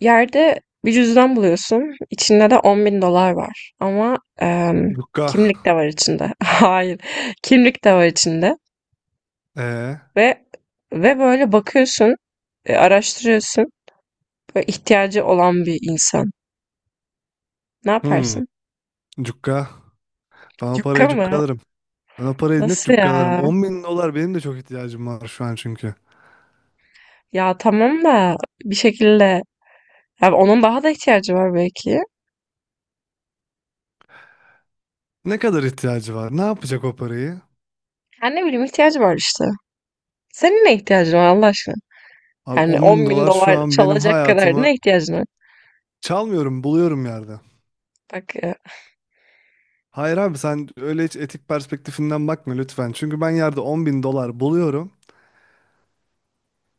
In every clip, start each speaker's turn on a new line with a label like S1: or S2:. S1: Yerde bir cüzdan buluyorsun. İçinde de 10.000 dolar var. Ama
S2: Cukka.
S1: kimlik de var içinde. Hayır. Kimlik de var içinde.
S2: Ee,
S1: Ve ve böyle bakıyorsun, araştırıyorsun. Böyle ihtiyacı olan bir insan. Ne
S2: hmm.
S1: yaparsın?
S2: Cukka. Ben o paraya
S1: Cukka
S2: cukka
S1: mı?
S2: alırım. Ben o parayı net
S1: Nasıl
S2: cukka alırım.
S1: ya?
S2: 10 bin dolar benim de çok ihtiyacım var şu an çünkü.
S1: Ya tamam da bir şekilde. Ya onun daha da ihtiyacı var belki.
S2: Ne kadar ihtiyacı var? Ne yapacak o parayı?
S1: Ya ne bileyim ihtiyacı var işte. Senin ne ihtiyacın var Allah aşkına?
S2: Abi
S1: Yani
S2: 10 bin
S1: on bin
S2: dolar şu
S1: dolar
S2: an benim
S1: çalacak kadar
S2: hayatımı
S1: ne ihtiyacın var?
S2: çalmıyorum, buluyorum yerde.
S1: Bak.
S2: Hayır abi sen öyle hiç etik perspektifinden bakma lütfen. Çünkü ben yerde 10 bin dolar buluyorum.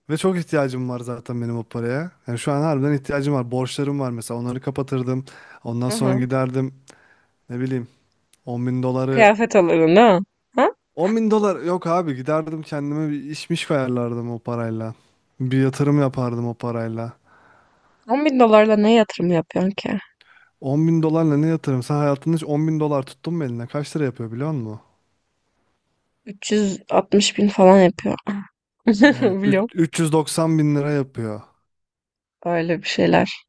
S2: Ve çok ihtiyacım var zaten benim o paraya. Yani şu an harbiden ihtiyacım var. Borçlarım var mesela onları kapatırdım. Ondan
S1: Hı
S2: sonra
S1: hı.
S2: giderdim ne bileyim 10 bin doları
S1: Kıyafet alırdın değil mi? Ha?
S2: 10 bin dolar yok abi giderdim kendime bir işmiş ayarlardım o parayla. Bir yatırım yapardım o parayla.
S1: 10 bin dolarla ne yatırım yapıyorsun ki?
S2: 10 bin dolarla ne yatırım? Sen hayatında hiç 10 bin dolar tuttun mu eline? Kaç lira yapıyor biliyor musun?
S1: 360 bin falan yapıyor.
S2: Yani
S1: Biliyorum.
S2: 390 bin lira yapıyor.
S1: Öyle bir şeyler.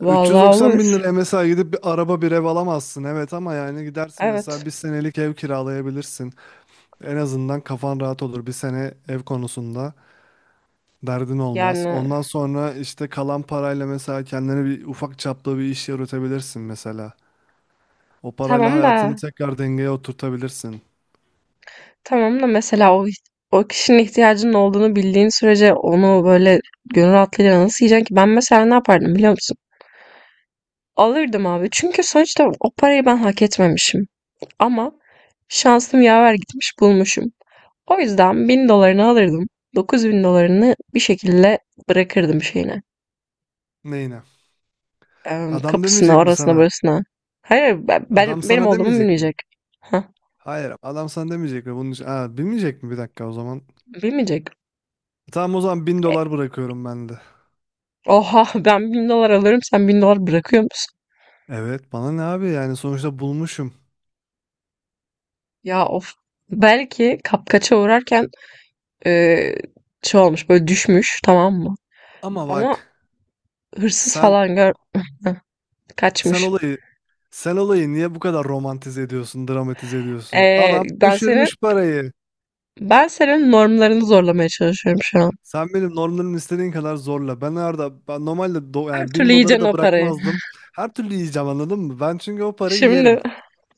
S1: Vallahi
S2: 390
S1: olur.
S2: bin liraya mesela gidip bir araba bir ev alamazsın evet ama yani gidersin mesela
S1: Evet.
S2: bir senelik ev kiralayabilirsin. En azından kafan rahat olur bir sene ev konusunda derdin olmaz.
S1: Yani
S2: Ondan sonra işte kalan parayla mesela kendine bir ufak çaplı bir iş yürütebilirsin mesela. O parayla
S1: tamam
S2: hayatını
S1: da
S2: tekrar dengeye oturtabilirsin.
S1: tamam da mesela o kişinin ihtiyacının olduğunu bildiğin sürece onu böyle gönül rahatlığıyla nasıl yiyeceksin ki? Ben mesela ne yapardım biliyor musun? Alırdım abi. Çünkü sonuçta o parayı ben hak etmemişim. Ama şansım yaver gitmiş bulmuşum. O yüzden 1.000 dolarını alırdım. 9.000 dolarını bir şekilde bırakırdım şeyine.
S2: Neyine? Adam
S1: Kapısına,
S2: demeyecek mi
S1: orasına,
S2: sana?
S1: burasına. Hayır,
S2: Adam
S1: benim
S2: sana
S1: olduğumu
S2: demeyecek mi?
S1: bilmeyecek. Hah,
S2: Hayır, adam sana demeyecek mi? Bunun için... Aa, bilmeyecek mi? Bir dakika o zaman.
S1: bilmeyecek.
S2: Tamam o zaman bin dolar bırakıyorum ben de.
S1: Oha, ben 1.000 dolar alıyorum, sen 1.000 dolar bırakıyor musun?
S2: Evet, bana ne abi yani sonuçta bulmuşum.
S1: Ya of. Belki kapkaça uğrarken e, şey olmuş, böyle düşmüş, tamam mı?
S2: Ama
S1: Ama
S2: bak
S1: hırsız
S2: sen
S1: falan gör
S2: sen
S1: kaçmış.
S2: olayı sen olayı niye bu kadar romantize ediyorsun, dramatize ediyorsun?
S1: E,
S2: Adam
S1: ben senin
S2: düşürmüş parayı.
S1: ben senin normlarını zorlamaya çalışıyorum şu an.
S2: Sen benim normlarımı istediğin kadar zorla. Ben normalde
S1: Her
S2: yani
S1: türlü
S2: bin doları
S1: yiyeceksin
S2: da
S1: o parayı.
S2: bırakmazdım. Her türlü yiyeceğim anladın mı? Ben çünkü o parayı
S1: Şimdi.
S2: yerim.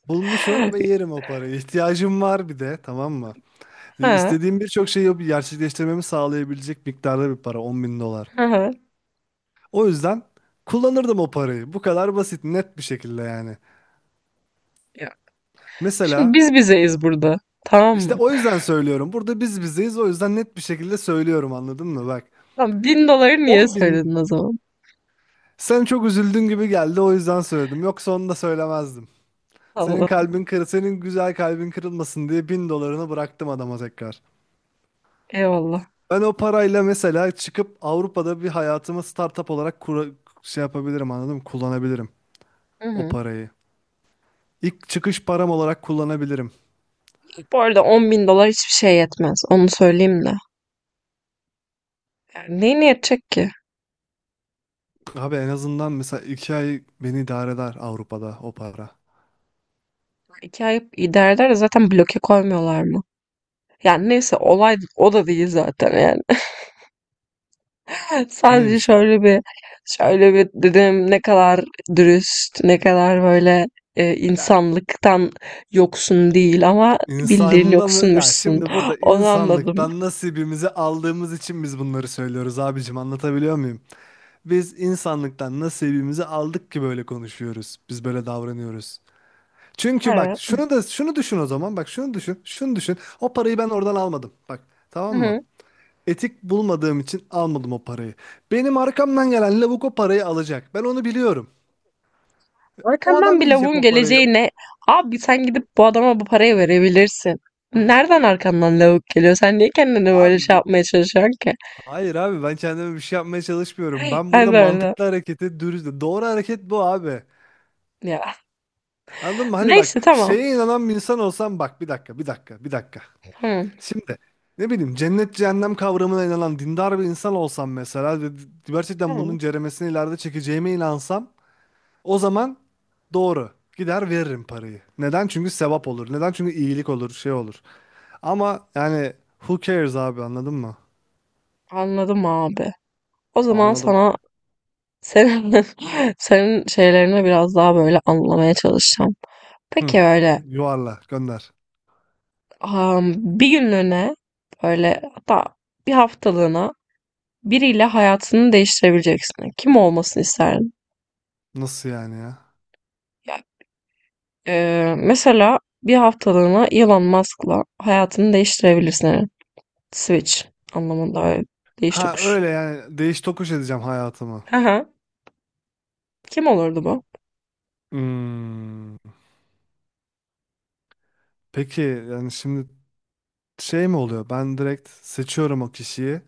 S2: Bulmuşum ve yerim o parayı. İhtiyacım var bir de tamam mı?
S1: Ha,
S2: İstediğim birçok şeyi gerçekleştirmemi sağlayabilecek miktarda bir para 10 bin dolar.
S1: hı hı.
S2: O yüzden kullanırdım o parayı. Bu kadar basit net bir şekilde yani.
S1: Ya, şimdi
S2: Mesela
S1: biz bizeyiz burada. Tamam
S2: işte
S1: mı?
S2: o yüzden söylüyorum. Burada biz bizeyiz o yüzden net bir şekilde söylüyorum anladın mı? Bak
S1: Tamam, 1.000 doları niye
S2: 10.000.
S1: söyledin o zaman?
S2: Sen çok üzüldün gibi geldi o yüzden söyledim. Yoksa onu da söylemezdim. Senin
S1: Allah.
S2: kalbin kır, senin güzel kalbin kırılmasın diye bin dolarını bıraktım adama tekrar.
S1: Eyvallah.
S2: Ben o parayla mesela çıkıp Avrupa'da bir hayatımı startup olarak şey yapabilirim anladın mı? Kullanabilirim
S1: Hı
S2: o
S1: hı.
S2: parayı. İlk çıkış param olarak kullanabilirim.
S1: Bu arada 10.000 dolar hiçbir şey yetmez. Onu söyleyeyim de. Yani neyine yetecek ki?
S2: Abi en azından mesela 2 ay beni idare eder Avrupa'da o para.
S1: 2 ay idare eder de zaten bloke koymuyorlar mı? Yani neyse olay o da değil zaten yani. Sadece
S2: Neymiş o olay?
S1: şöyle bir dedim ne kadar dürüst, ne kadar böyle
S2: Ya
S1: insanlıktan yoksun değil ama bildiğin
S2: İnsandan ya
S1: yoksunmuşsun.
S2: şimdi burada
S1: Onu anladım.
S2: insanlıktan nasibimizi aldığımız için biz bunları söylüyoruz abicim anlatabiliyor muyum? Biz insanlıktan nasibimizi aldık ki böyle konuşuyoruz. Biz böyle davranıyoruz. Çünkü bak
S1: Ha,
S2: şunu da şunu düşün o zaman bak şunu düşün şunu düşün. O parayı ben oradan almadım bak
S1: hı
S2: tamam mı?
S1: hı.
S2: Etik bulmadığım için almadım o parayı. Benim arkamdan gelen lavuk o parayı alacak. Ben onu biliyorum. O
S1: Arkandan
S2: adam
S1: bir
S2: yiyecek
S1: lavuğun
S2: o parayı.
S1: geleceğine abi sen gidip bu adama bu parayı verebilirsin. Nereden arkandan lavuk geliyor? Sen niye kendini böyle şey
S2: Abi,
S1: yapmaya çalışıyorsun ki?
S2: hayır abi ben kendime bir şey yapmaya çalışmıyorum. Ben burada
S1: Ben de öyle.
S2: mantıklı hareketi dürüst. Doğru hareket bu abi.
S1: Ya.
S2: Anladın mı? Hani bak
S1: Neyse tamam.
S2: şeye inanan bir insan olsam bak bir dakika, bir dakika, bir dakika.
S1: Tamam.
S2: Şimdi ne bileyim cennet cehennem kavramına inanan dindar bir insan olsam mesela ve gerçekten
S1: Tamam.
S2: bunun ceremesini ileride çekeceğime inansam o zaman doğru gider veririm parayı. Neden? Çünkü sevap olur. Neden? Çünkü iyilik olur şey olur. Ama yani who cares abi anladın mı?
S1: Anladım abi. O zaman
S2: Anladım.
S1: sana
S2: abi.
S1: senin, senin şeylerini biraz daha böyle anlamaya çalışacağım.
S2: Hı.
S1: Peki öyle
S2: Yuvarla gönder.
S1: am, bir günlüğüne böyle hatta bir haftalığına biriyle hayatını değiştirebileceksin. Kim olmasını isterdin?
S2: Nasıl yani ya?
S1: Mesela bir haftalığına Elon Musk'la hayatını değiştirebilirsin. Eren. Switch anlamında evet. Değiş
S2: Ha,
S1: tokuş.
S2: öyle yani değiş tokuş edeceğim hayatımı.
S1: Hı hı. Kim olurdu bu?
S2: Hmm. Peki yani şimdi şey mi oluyor? Ben direkt seçiyorum o kişiyi.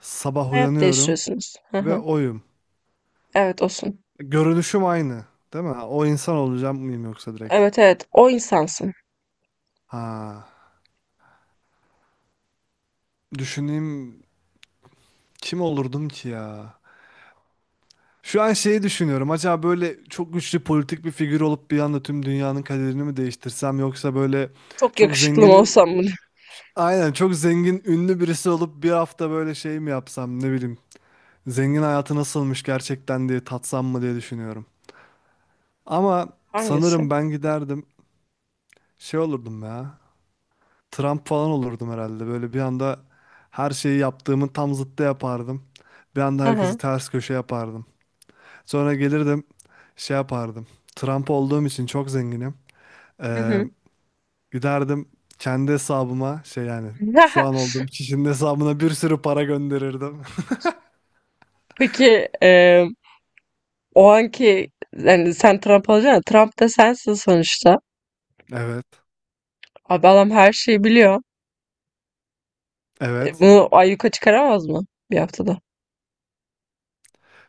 S2: Sabah
S1: Hayat
S2: uyanıyorum
S1: değiştiriyorsunuz. Hı
S2: ve
S1: hı.
S2: oyum.
S1: Evet olsun.
S2: Görünüşüm aynı, değil mi? O insan olacağım mıyım yoksa direkt?
S1: Evet, evet, o insansın.
S2: Ha. Düşüneyim kim olurdum ki ya? Şu an şeyi düşünüyorum. Acaba böyle çok güçlü politik bir figür olup bir anda tüm dünyanın kaderini mi değiştirsem yoksa böyle
S1: Çok
S2: çok
S1: yakışıklı mı
S2: zengin
S1: olsam bunu?
S2: Aynen çok zengin ünlü birisi olup bir hafta böyle şey mi yapsam ne bileyim. Zengin hayatı nasılmış gerçekten diye tatsam mı diye düşünüyorum. Ama
S1: Hangisi?
S2: sanırım ben giderdim şey olurdum ya. Trump falan olurdum herhalde. Böyle bir anda her şeyi yaptığımın tam zıttı yapardım. Bir anda
S1: Hı
S2: herkesi
S1: hı.
S2: ters köşe yapardım. Sonra gelirdim şey yapardım. Trump olduğum için çok zenginim.
S1: Hı
S2: Ee,
S1: hı.
S2: giderdim kendi hesabıma şey yani şu an olduğum kişinin hesabına bir sürü para gönderirdim.
S1: Peki o anki yani sen Trump olacaksın. Trump da sensin sonuçta.
S2: Evet,
S1: Abi adam her şeyi biliyor.
S2: evet.
S1: Bunu ayyuka çıkaramaz mı bir haftada?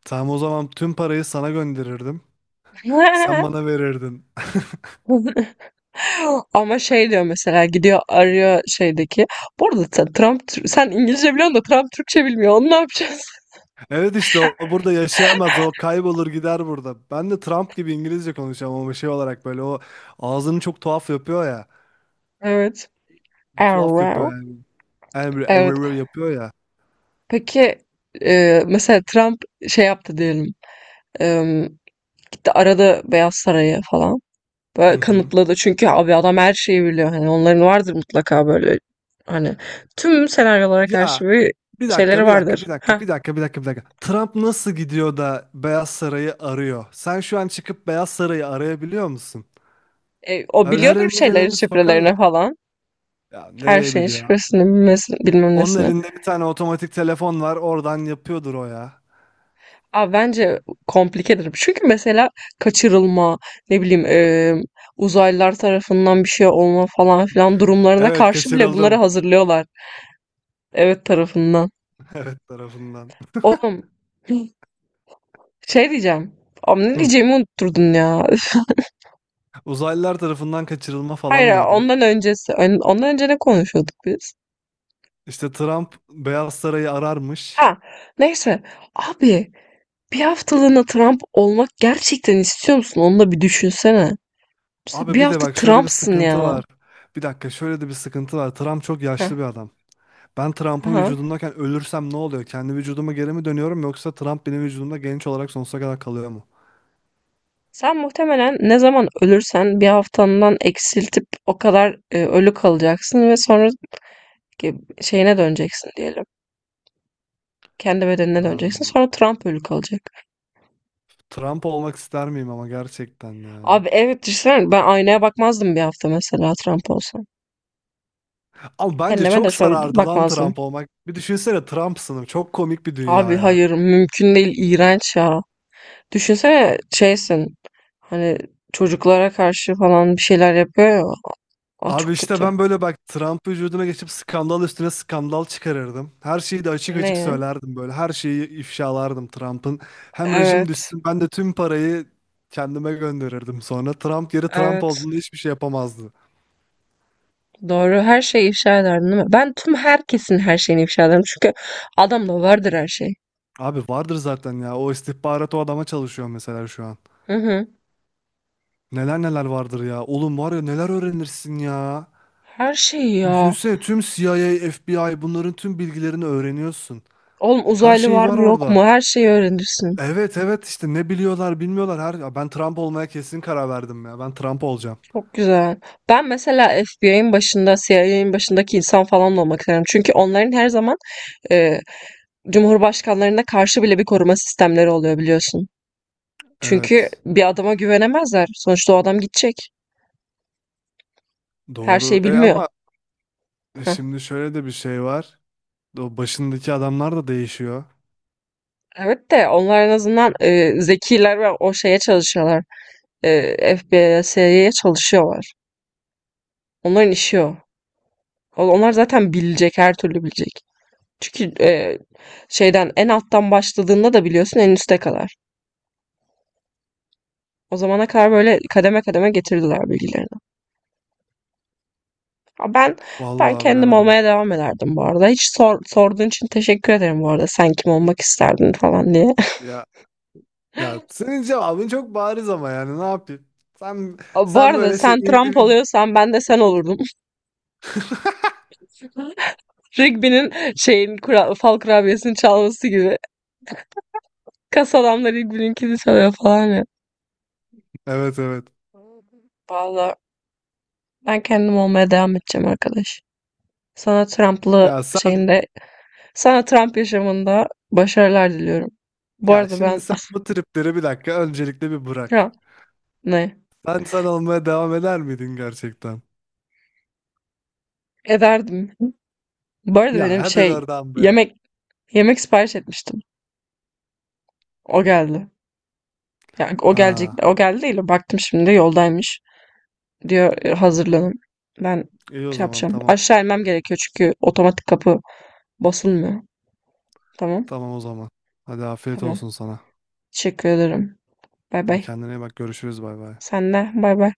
S2: Tamam o zaman tüm parayı sana gönderirdim. Sen bana verirdin.
S1: Ama şey diyor mesela gidiyor arıyor şeydeki. Bu arada sen İngilizce biliyorsun da Trump Türkçe bilmiyor. Onu ne yapacağız?
S2: Evet işte o burada yaşayamaz. O kaybolur gider burada. Ben de Trump gibi İngilizce konuşacağım ama şey olarak böyle o ağzını çok tuhaf yapıyor ya.
S1: Evet.
S2: Bir tuhaf yapıyor
S1: Error.
S2: yani. Yani böyle
S1: Evet.
S2: "Evrr" yapıyor ya.
S1: Peki mesela Trump şey yaptı diyelim. E, gitti aradı Beyaz Saray'ı falan.
S2: Hı
S1: Böyle
S2: hı.
S1: kanıtladı çünkü abi adam her şeyi biliyor. Hani onların vardır mutlaka böyle hani tüm senaryolara
S2: Ya
S1: karşı bir
S2: bir dakika,
S1: şeyleri
S2: bir dakika,
S1: vardır.
S2: bir dakika,
S1: Ha.
S2: bir dakika, bir dakika, bir dakika. Trump nasıl gidiyor da Beyaz Saray'ı arıyor? Sen şu an çıkıp Beyaz Saray'ı arayabiliyor musun?
S1: O
S2: Öyle her
S1: biliyordur bir
S2: önüne
S1: şeylerin
S2: geleni sokarlar.
S1: şifrelerini falan.
S2: Ya
S1: Her
S2: nereye
S1: şeyin
S2: biliyor?
S1: şifresini bilmesi, bilmem
S2: Onun
S1: nesini.
S2: elinde bir tane otomatik telefon var. Oradan yapıyordur o ya.
S1: Abi bence komplikedir. Çünkü mesela kaçırılma, ne bileyim uzaylılar tarafından bir şey olma falan filan durumlarına
S2: Evet,
S1: karşı bile bunları
S2: kaçırıldım.
S1: hazırlıyorlar. Evet tarafından.
S2: Evet tarafından.
S1: Oğlum şey diyeceğim. Abi ne
S2: Hı.
S1: diyeceğimi unutturdun ya.
S2: Uzaylılar tarafından kaçırılma
S1: Hayır,
S2: falan
S1: hayır,
S2: diyordun.
S1: ondan öncesi. Ondan önce ne konuşuyorduk biz?
S2: İşte Trump Beyaz Saray'ı ararmış.
S1: Ha, neyse. Abi, bir haftalığına Trump olmak gerçekten istiyor musun? Onu da bir düşünsene. Mesela
S2: Abi
S1: bir
S2: bir de
S1: hafta
S2: bak şöyle bir
S1: Trump'sın
S2: sıkıntı
S1: ya.
S2: var. Bir dakika şöyle de bir sıkıntı var. Trump çok
S1: Heh,
S2: yaşlı bir adam. Ben Trump'ın
S1: aha.
S2: vücudundayken ölürsem ne oluyor? Kendi vücuduma geri mi dönüyorum yoksa Trump benim vücudumda genç olarak sonsuza kadar kalıyor mu?
S1: Sen muhtemelen ne zaman ölürsen bir haftandan eksiltip o kadar ölü kalacaksın ve sonra ki- şeyine döneceksin diyelim. Kendi bedenine
S2: Ha.
S1: döneceksin. Sonra Trump ölü kalacak.
S2: Trump olmak ister miyim ama gerçekten ya.
S1: Abi evet düşünsene ben aynaya bakmazdım bir hafta mesela Trump olsam.
S2: Ama bence
S1: Kendime de
S2: çok
S1: şöyle
S2: sarardı lan
S1: bakmazdım.
S2: Trump olmak. Bir düşünsene Trump'sınım. Çok komik bir dünya
S1: Abi
S2: ya.
S1: hayır mümkün değil iğrenç ya. Düşünsene şeysin hani çocuklara karşı falan bir şeyler yapıyor ya. Aa
S2: Abi
S1: çok
S2: işte
S1: kötü.
S2: ben böyle bak Trump vücuduna geçip skandal üstüne skandal çıkarırdım. Her şeyi de açık
S1: Ne?
S2: açık
S1: Ya?
S2: söylerdim böyle. Her şeyi ifşalardım Trump'ın. Hem rejim
S1: Evet,
S2: düşsün ben de tüm parayı kendime gönderirdim sonra. Trump yeri Trump
S1: evet.
S2: olduğunda hiçbir şey yapamazdı.
S1: Doğru. Her şeyi ifşa ederdin değil mi? Ben tüm herkesin her şeyini ifşa ederim. Çünkü adamda vardır her şey.
S2: Abi vardır zaten ya. O istihbarat o adama çalışıyor mesela şu an.
S1: Hı hı.
S2: Neler neler vardır ya. Oğlum var ya neler öğrenirsin ya.
S1: Her şeyi ya.
S2: Düşünsene tüm CIA, FBI bunların tüm bilgilerini öğreniyorsun.
S1: Oğlum
S2: Her
S1: uzaylı
S2: şey
S1: var
S2: var
S1: mı yok
S2: orada.
S1: mu? Her şeyi öğrenirsin.
S2: Evet evet işte ne biliyorlar bilmiyorlar. Her ya ben Trump olmaya kesin karar verdim ya. Ben Trump olacağım.
S1: Çok güzel. Ben mesela FBI'nin başında, CIA'nin başındaki insan falan da olmak isterim. Çünkü onların her zaman e, cumhurbaşkanlarına karşı bile bir koruma sistemleri oluyor biliyorsun. Çünkü
S2: Evet.
S1: bir adama güvenemezler. Sonuçta o adam gidecek. Her
S2: Doğru.
S1: şeyi
S2: E
S1: bilmiyor.
S2: ama
S1: Heh.
S2: şimdi şöyle de bir şey var. O başındaki adamlar da değişiyor.
S1: Evet de onlar en azından zekiler ve o şeye çalışıyorlar. FBI'ye, CIA'ye çalışıyorlar. Onların işi o. Onlar zaten bilecek, her türlü bilecek. Çünkü şeyden en alttan başladığında da biliyorsun en üste kadar. O zamana kadar böyle kademe kademe getirdiler bilgileri. Ha, ben
S2: Vallahi
S1: kendim
S2: bilemedim.
S1: olmaya devam ederdim bu arada. Hiç sorduğun için teşekkür ederim bu arada. Sen kim olmak isterdin falan diye.
S2: Ya ya senin cevabın çok bariz ama yani ne yapayım? Sen
S1: Aa, bu
S2: sen
S1: arada
S2: böyle şey
S1: sen Trump
S2: individ
S1: oluyorsan ben de sen olurdum. Rigby'nin fal kurabiyesini çalması gibi. Kas adamlar Rigby'ninkini çalıyor falan ya.
S2: Evet evet.
S1: Vallahi ben kendim olmaya devam edeceğim arkadaş. Sana Trump'lı
S2: Ya sen
S1: şeyinde, sana Trump yaşamında başarılar diliyorum. Bu
S2: ya
S1: arada
S2: şimdi
S1: ben
S2: sen bu tripleri bir dakika öncelikle bir bırak.
S1: Trump ne
S2: Sen sen olmaya devam eder miydin gerçekten?
S1: ederdim. Bu arada
S2: Ya
S1: benim
S2: hadi oradan be.
S1: yemek Yemek sipariş etmiştim. O geldi. Yani o gelecek,
S2: Ha,
S1: o geldi değil. Baktım şimdi yoldaymış. Diyor "E, hazırlanın. Ben
S2: iyi o
S1: şey
S2: zaman
S1: yapacağım.
S2: tamam.
S1: Aşağı inmem gerekiyor çünkü otomatik kapı basılmıyor. Tamam.
S2: Tamam o zaman. Hadi afiyet
S1: Tamam.
S2: olsun sana.
S1: Teşekkür ederim. Bay
S2: Hadi
S1: bay.
S2: kendine iyi bak, görüşürüz, bay bay.
S1: Sen de bay bay.